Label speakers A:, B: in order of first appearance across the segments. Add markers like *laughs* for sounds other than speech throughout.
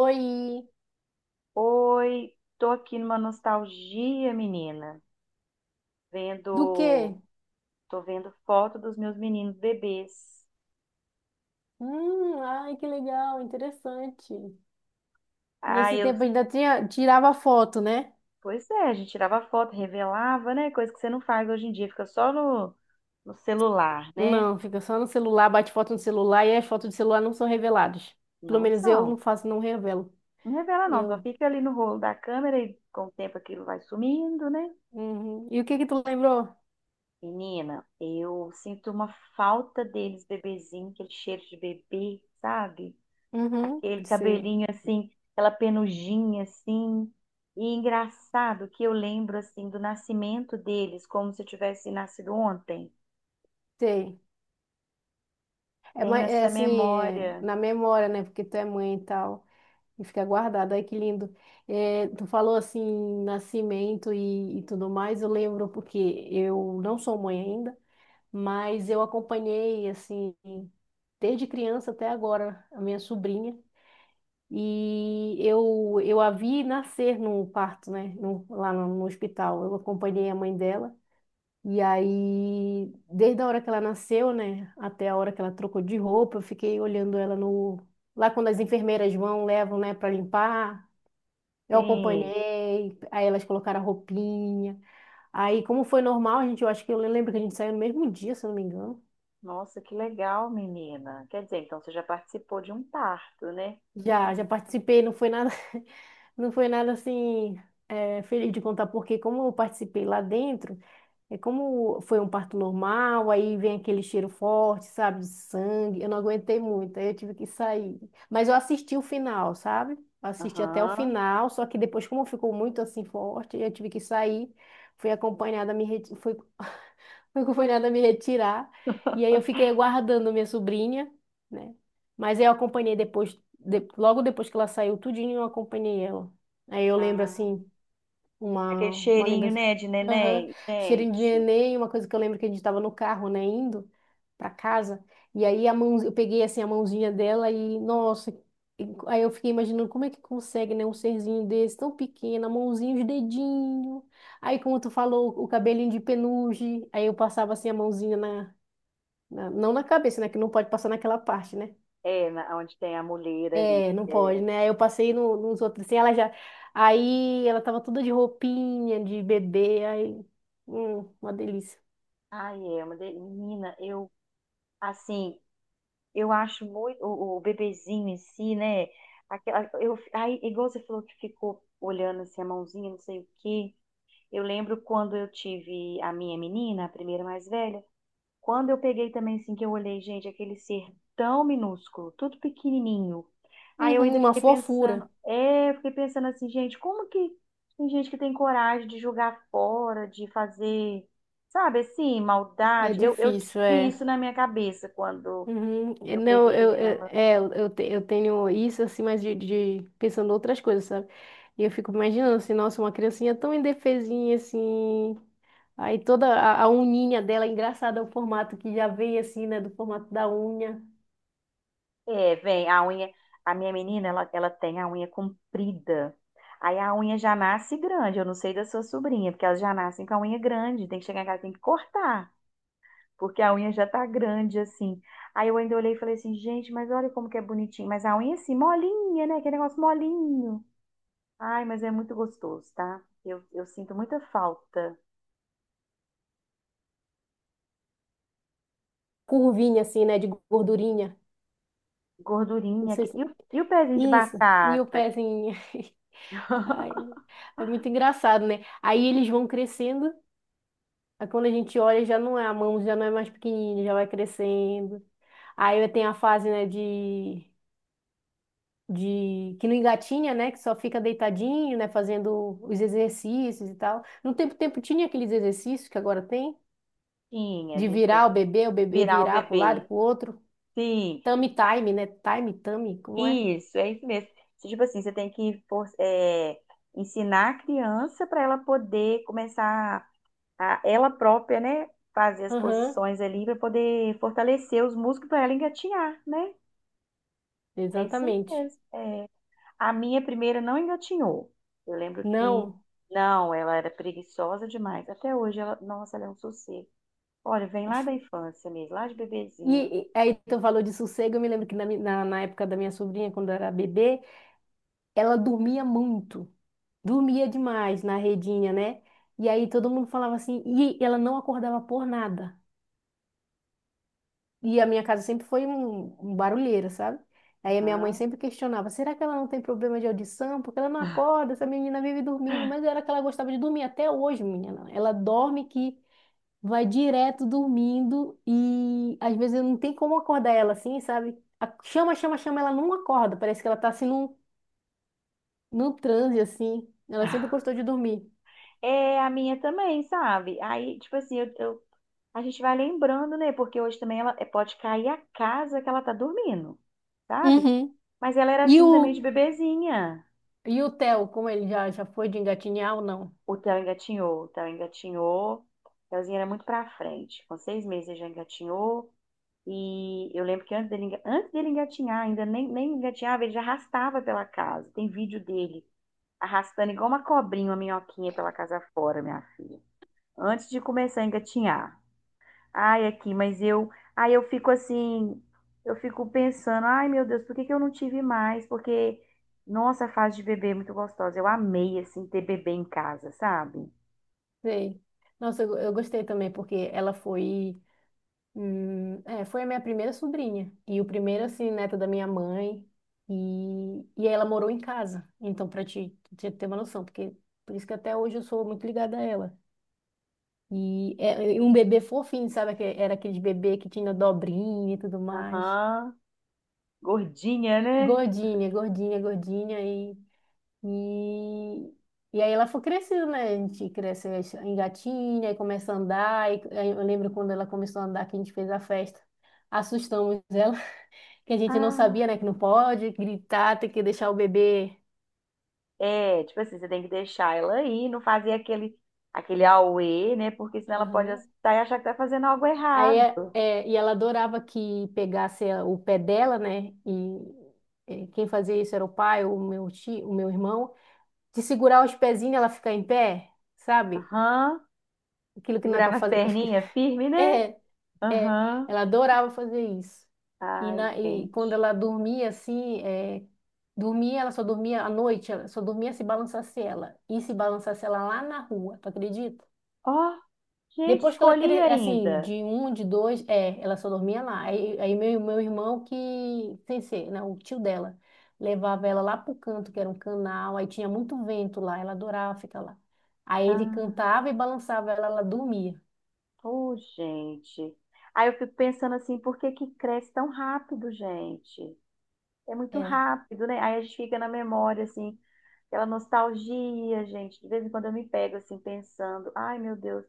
A: Oi,
B: Oi, tô aqui numa nostalgia, menina.
A: do
B: Vendo,
A: quê?
B: tô vendo foto dos meus meninos bebês.
A: Ai, que legal, interessante.
B: Ah,
A: Nesse
B: eu,
A: tempo ainda tinha, tirava foto, né?
B: pois é, a gente tirava foto, revelava, né? Coisa que você não faz hoje em dia, fica só no celular, né?
A: Não, fica só no celular, bate foto no celular e as fotos do celular não são reveladas. Pelo
B: Não
A: menos eu não
B: são.
A: faço, não revelo.
B: Não revela não, só
A: Eu.
B: fica ali no rolo da câmera e com o tempo aquilo vai sumindo, né?
A: Uhum. E o que que tu lembrou?
B: Menina, eu sinto uma falta deles, bebezinho, aquele cheiro de bebê, sabe?
A: Uhum,
B: Aquele
A: sei,
B: cabelinho assim, aquela penugem assim. E engraçado que eu lembro assim do nascimento deles, como se eu tivesse nascido ontem.
A: sei. É, ma-
B: Tenho
A: é
B: essa
A: assim, é,
B: memória.
A: na memória, né? Porque tu é mãe e tal. E fica guardado. Ai, que lindo. É, tu falou assim, nascimento e tudo mais. Eu lembro porque eu não sou mãe ainda, mas eu acompanhei, assim, desde criança até agora, a minha sobrinha. E eu a vi nascer no parto, né? Lá no hospital. Eu acompanhei a mãe dela. E aí, desde a hora que ela nasceu, né? Até a hora que ela trocou de roupa, eu fiquei olhando ela no. Lá quando as enfermeiras vão, levam, né, para limpar. Eu
B: Sim.
A: acompanhei, aí elas colocaram a roupinha. Aí, como foi normal, a gente, eu acho que eu lembro que a gente saiu no mesmo dia, se eu não me engano.
B: Nossa, que legal, menina. Quer dizer, então você já participou de um parto, né?
A: Já, já participei, não foi nada, *laughs* não foi nada assim, é, feliz de contar, porque como eu participei lá dentro, é como foi um parto normal, aí vem aquele cheiro forte, sabe, de sangue. Eu não aguentei muito, aí eu tive que sair. Mas eu assisti o final, sabe? Eu assisti até o
B: Aham.
A: final, só que depois, como ficou muito assim forte, eu tive que sair. Fui acompanhada a me reti- fui... *laughs* Fui acompanhada a me retirar. E aí eu fiquei aguardando minha sobrinha, né? Mas eu acompanhei depois, logo depois que ela saiu tudinho, eu acompanhei ela. Aí eu lembro
B: Ah,
A: assim
B: aquele
A: uma
B: cheirinho,
A: lembrança.
B: né, de
A: Aham.
B: neném.
A: Cheirinho de
B: Gente,
A: neném, uma coisa que eu lembro que a gente estava no carro, né, indo para casa, e aí eu peguei assim a mãozinha dela e, nossa, aí eu fiquei imaginando como é que consegue, né, um serzinho desse tão pequeno, a mãozinha, os dedinhos, aí como tu falou, o cabelinho de peluche, aí eu passava assim a mãozinha na, não na cabeça, né, que não pode passar naquela parte, né,
B: é, onde tem a mulher ali.
A: é, não pode,
B: É.
A: né? Aí eu passei nos outros assim, ela já. Aí ela tava toda de roupinha, de bebê, aí. Uma delícia.
B: Ai, é uma Menina, assim, eu acho muito o bebezinho em si, né? Igual você falou que ficou olhando assim, a mãozinha, não sei o quê. Eu lembro quando eu tive a minha menina, a primeira mais velha, quando eu peguei também assim, que eu olhei, gente, aquele ser tão minúsculo, tudo pequenininho. Aí eu
A: Uhum,
B: ainda
A: uma
B: fiquei pensando,
A: fofura.
B: eu fiquei pensando assim, gente, como que tem gente que tem coragem de jogar fora, de fazer, sabe, assim,
A: É
B: maldade? Eu
A: difícil,
B: vi
A: é.
B: isso na minha cabeça quando
A: Uhum. E
B: eu
A: não,
B: peguei.
A: eu eu tenho isso assim, mas de pensando outras coisas, sabe? E eu fico imaginando assim, nossa, uma criancinha tão indefesinha assim. Aí toda a uninha dela, engraçada é o formato que já vem assim, né? Do formato da unha.
B: É, vem, a unha, a minha menina, ela tem a unha comprida. Aí a unha já nasce grande, eu não sei da sua sobrinha, porque elas já nascem com a unha grande, tem que chegar em casa, tem que cortar, porque a unha já tá grande assim. Aí eu ainda olhei e falei assim, gente, mas olha como que é bonitinho, mas a unha assim, molinha, né? Aquele negócio molinho. Ai, mas é muito gostoso, tá? Eu sinto muita falta.
A: Curvinha assim, né? De gordurinha. Não
B: Gordurinha.
A: sei se.
B: E e o pezinho de
A: Isso, e o
B: batata?
A: pezinho. *laughs* Ai, é muito engraçado, né? Aí eles vão crescendo. Aí quando a gente olha, já não é a mão, já não é mais pequenininha, já vai crescendo. Aí tem a fase, né, de que não engatinha, né, que só fica deitadinho, né, fazendo os exercícios e tal. No tempo tinha aqueles exercícios que agora tem,
B: Tinha, a
A: de
B: gente tem
A: virar
B: que
A: o bebê
B: virar o
A: virar para o lado e
B: bebê.
A: para o outro.
B: Sim.
A: Tummy time, né? Time, tummy, como é?
B: Isso, é isso mesmo. Então, tipo assim, você tem que ensinar a criança para ela poder começar a ela própria, né? Fazer as
A: Aham,
B: posições ali para poder fortalecer os músculos para ela engatinhar, né? É isso
A: exatamente.
B: mesmo. A minha primeira não engatinhou. Eu lembro que,
A: Não.
B: não, ela era preguiçosa demais. Até hoje, ela, nossa, ela é um sossego. Olha, vem lá da infância mesmo, lá de bebezinha.
A: E aí tu falou de sossego, eu me lembro que na época da minha sobrinha, quando era bebê, ela dormia muito, dormia demais na redinha, né? E aí todo mundo falava assim, e ela não acordava por nada. E a minha casa sempre foi um barulheira, sabe? Aí a minha mãe
B: Aham.
A: sempre questionava, será que ela não tem problema de audição? Porque ela não acorda, essa menina vive dormindo, mas era que ela gostava de dormir até hoje, menina. Ela dorme que vai direto dormindo e às vezes eu não tem como acordar ela assim, sabe? Chama, chama, chama, ela não acorda. Parece que ela tá assim num transe assim. Ela sempre gostou
B: *laughs*
A: de dormir.
B: É a minha também, sabe? Aí, tipo assim, eu a gente vai lembrando, né? Porque hoje também ela pode cair a casa que ela tá dormindo, sabe?
A: Uhum.
B: Mas ela era
A: E
B: assim também
A: o,
B: de bebezinha.
A: e o Theo, como ele já foi de engatinhar ou não?
B: O Theo engatinhou, o Theo engatinhou. O Theozinho era muito pra frente. Com seis meses ele já engatinhou. E eu lembro que antes antes dele engatinhar, ainda nem engatinhava, ele já arrastava pela casa. Tem vídeo dele arrastando igual uma cobrinha, uma minhoquinha pela casa fora, minha filha. Antes de começar a engatinhar. Ai, aqui, eu fico assim, eu fico pensando, ai meu Deus, por que que eu não tive mais? Porque, nossa, a fase de bebê é muito gostosa. Eu amei, assim, ter bebê em casa, sabe?
A: Sei. Nossa, eu gostei também, porque ela foi a minha primeira sobrinha. E o primeiro, assim, neto da minha mãe. E ela morou em casa. Então, pra te ter uma noção, porque por isso que até hoje eu sou muito ligada a ela. E um bebê fofinho, sabe? Era aquele bebê que tinha dobrinha e tudo mais.
B: Aham. Gordinha, né?
A: Gordinha, gordinha, gordinha. E, e aí ela foi crescendo, né? A gente cresce, engatinha, aí começa a andar. E, aí eu lembro quando ela começou a andar que a gente fez a festa. Assustamos ela, *laughs* que a gente não sabia, né? Que
B: Ah,
A: não pode gritar, tem que deixar o bebê.
B: é, tipo assim, você tem que deixar ela aí, não fazer aquele auê, né? Porque senão ela pode assustar e achar que tá fazendo algo
A: Aí,
B: errado.
A: e ela adorava que pegasse o pé dela, né? E quem fazia isso era o pai, o meu tio, o meu irmão, de segurar os pezinhos e ela ficar em pé, sabe?
B: Aham.
A: Aquilo que não é
B: Segurar
A: para
B: nas
A: fazer com as crianças.
B: perninhas
A: *laughs*
B: firme, né?
A: É, é,
B: Aham.
A: ela adorava fazer isso. E,
B: Ai,
A: na, e
B: gente.
A: quando ela dormia assim, ela só dormia à noite, ela só dormia se balançasse ela. E se balançasse ela lá na rua, tu acredita?
B: Ó. Gente,
A: Depois que ela
B: escolhi
A: assim, de
B: ainda.
A: um, de dois, ela só dormia lá. Aí meu irmão que, sem ser, né, o tio dela, levava ela lá pro canto, que era um canal, aí tinha muito vento lá, ela adorava ficar lá. Aí ele
B: Ah,
A: cantava e balançava ela, ela dormia.
B: ô, gente. Aí eu fico pensando assim, por que que cresce tão rápido, gente? É muito
A: É,
B: rápido, né? Aí a gente fica na memória, assim, aquela nostalgia, gente. De vez em quando eu me pego, assim, pensando, ai, meu Deus.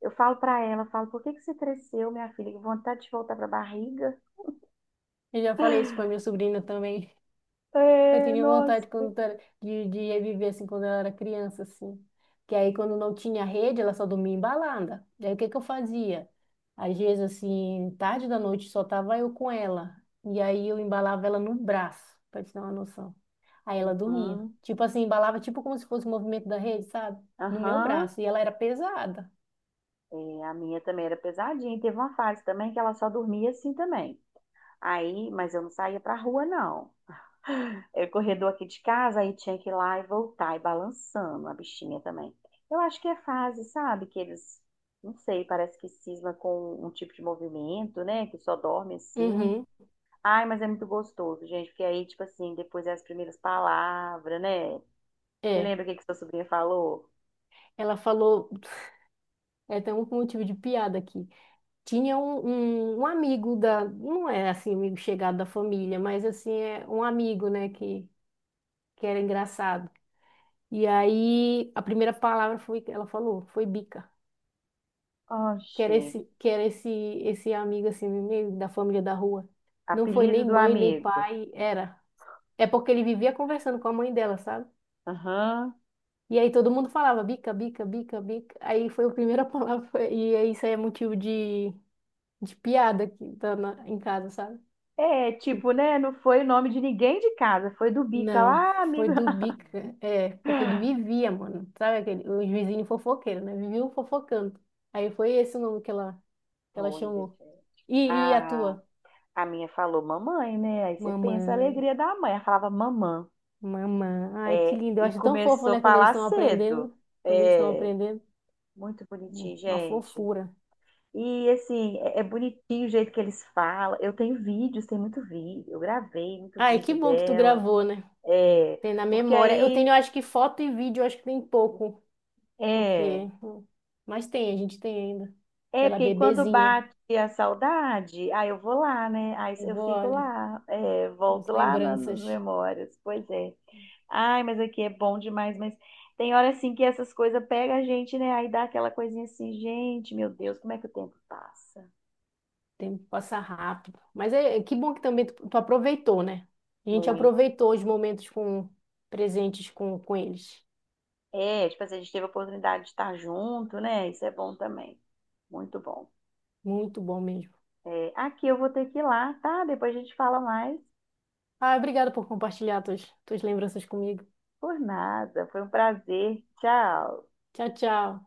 B: Eu falo pra ela, falo, por que que você cresceu, minha filha? Que vontade de voltar pra barriga.
A: eu já falei isso pra minha sobrinha também. Eu
B: É,
A: tinha
B: nossa.
A: vontade quando de ir viver assim quando eu era criança, assim. Que aí quando não tinha rede, ela só dormia em balada. Daí o que que eu fazia? Às vezes, assim, tarde da noite só tava eu com ela. E aí eu embalava ela no braço, pra te dar uma noção. Aí ela dormia.
B: Uhum,
A: Tipo assim, embalava tipo como se fosse o movimento da rede, sabe? No meu
B: aham.
A: braço. E ela era pesada.
B: É, a minha também era pesadinha. Teve uma fase também que ela só dormia assim também. Aí, mas eu não saía pra rua, não. É corredor aqui de casa, aí tinha que ir lá e voltar, e balançando a bichinha também. Eu acho que é fase, sabe? Que eles, não sei, parece que cisma com um tipo de movimento, né? Que só dorme assim.
A: Uhum.
B: Ai, mas é muito gostoso, gente, porque aí, tipo assim, depois é as primeiras palavras, né? Você
A: É.
B: lembra o que que sua sobrinha falou?
A: Ela falou. *laughs* É, tem um motivo de piada aqui. Tinha um amigo não é assim, um amigo chegado da família, mas assim, é um amigo, né, que era engraçado. E aí, a primeira palavra foi, ela falou, foi bica.
B: Oh,
A: Que era
B: gente,
A: esse, que era esse, esse amigo, assim, meio da família da rua. Não foi
B: apelido
A: nem
B: do
A: mãe, nem
B: amigo.
A: pai, era. É porque ele vivia conversando com a mãe dela, sabe?
B: Aham.
A: E aí todo mundo falava bica, bica, bica, bica. Aí foi a primeira *laughs* palavra, e aí isso aí é motivo de piada aqui, tá em casa, sabe?
B: É,
A: Tipo,
B: tipo, né? Não foi o nome de ninguém de casa, foi do Bica
A: não,
B: lá,
A: foi
B: amigo.
A: do Bica. É, porque ele vivia, mano. Sabe aquele, os vizinhos fofoqueiros, né? Viviam fofocando. Aí foi esse o nome que ela
B: Olha, gente.
A: chamou. E a
B: A,
A: tua?
B: a minha falou mamãe, né? Aí você pensa a
A: Mamãe,
B: alegria da mãe. Ela falava mamã.
A: mamãe. Ai, que
B: É,
A: lindo. Eu
B: e
A: acho tão fofo,
B: começou a
A: né? Quando eles
B: falar
A: estão
B: cedo.
A: aprendendo. Quando eles estão
B: É,
A: aprendendo.
B: muito bonitinho,
A: Uma
B: gente.
A: fofura.
B: E assim, é bonitinho o jeito que eles falam. Eu tenho vídeos, tem muito vídeo. Eu gravei muito
A: Ai, que
B: vídeo
A: bom que tu
B: dela.
A: gravou, né?
B: É,
A: Tem na
B: porque
A: memória. Eu tenho,
B: aí.
A: eu acho que foto e vídeo, eu acho que tem pouco.
B: É,
A: Porque. Mas tem, a gente tem ainda. Pela
B: porque aí quando
A: bebezinha.
B: bate a saudade, aí eu vou lá, né? Aí
A: Eu
B: eu
A: vou,
B: fico
A: olha,
B: lá, é,
A: as
B: volto lá nas
A: lembranças.
B: memórias. Pois é. Ai, mas aqui é bom demais, mas tem hora assim que essas coisas pegam a gente, né? Aí dá aquela coisinha assim, gente, meu Deus, como é que o tempo passa?
A: O tempo passa rápido. Mas é que bom que também tu aproveitou, né? A gente
B: Muito.
A: aproveitou os momentos com presentes com eles.
B: É, tipo assim, a gente teve a oportunidade de estar junto, né? Isso é bom também. Muito bom.
A: Muito bom mesmo.
B: É, aqui eu vou ter que ir lá, tá? Depois a gente fala mais.
A: Ah, obrigada por compartilhar tuas lembranças comigo.
B: Por nada. Foi um prazer. Tchau.
A: Tchau, tchau.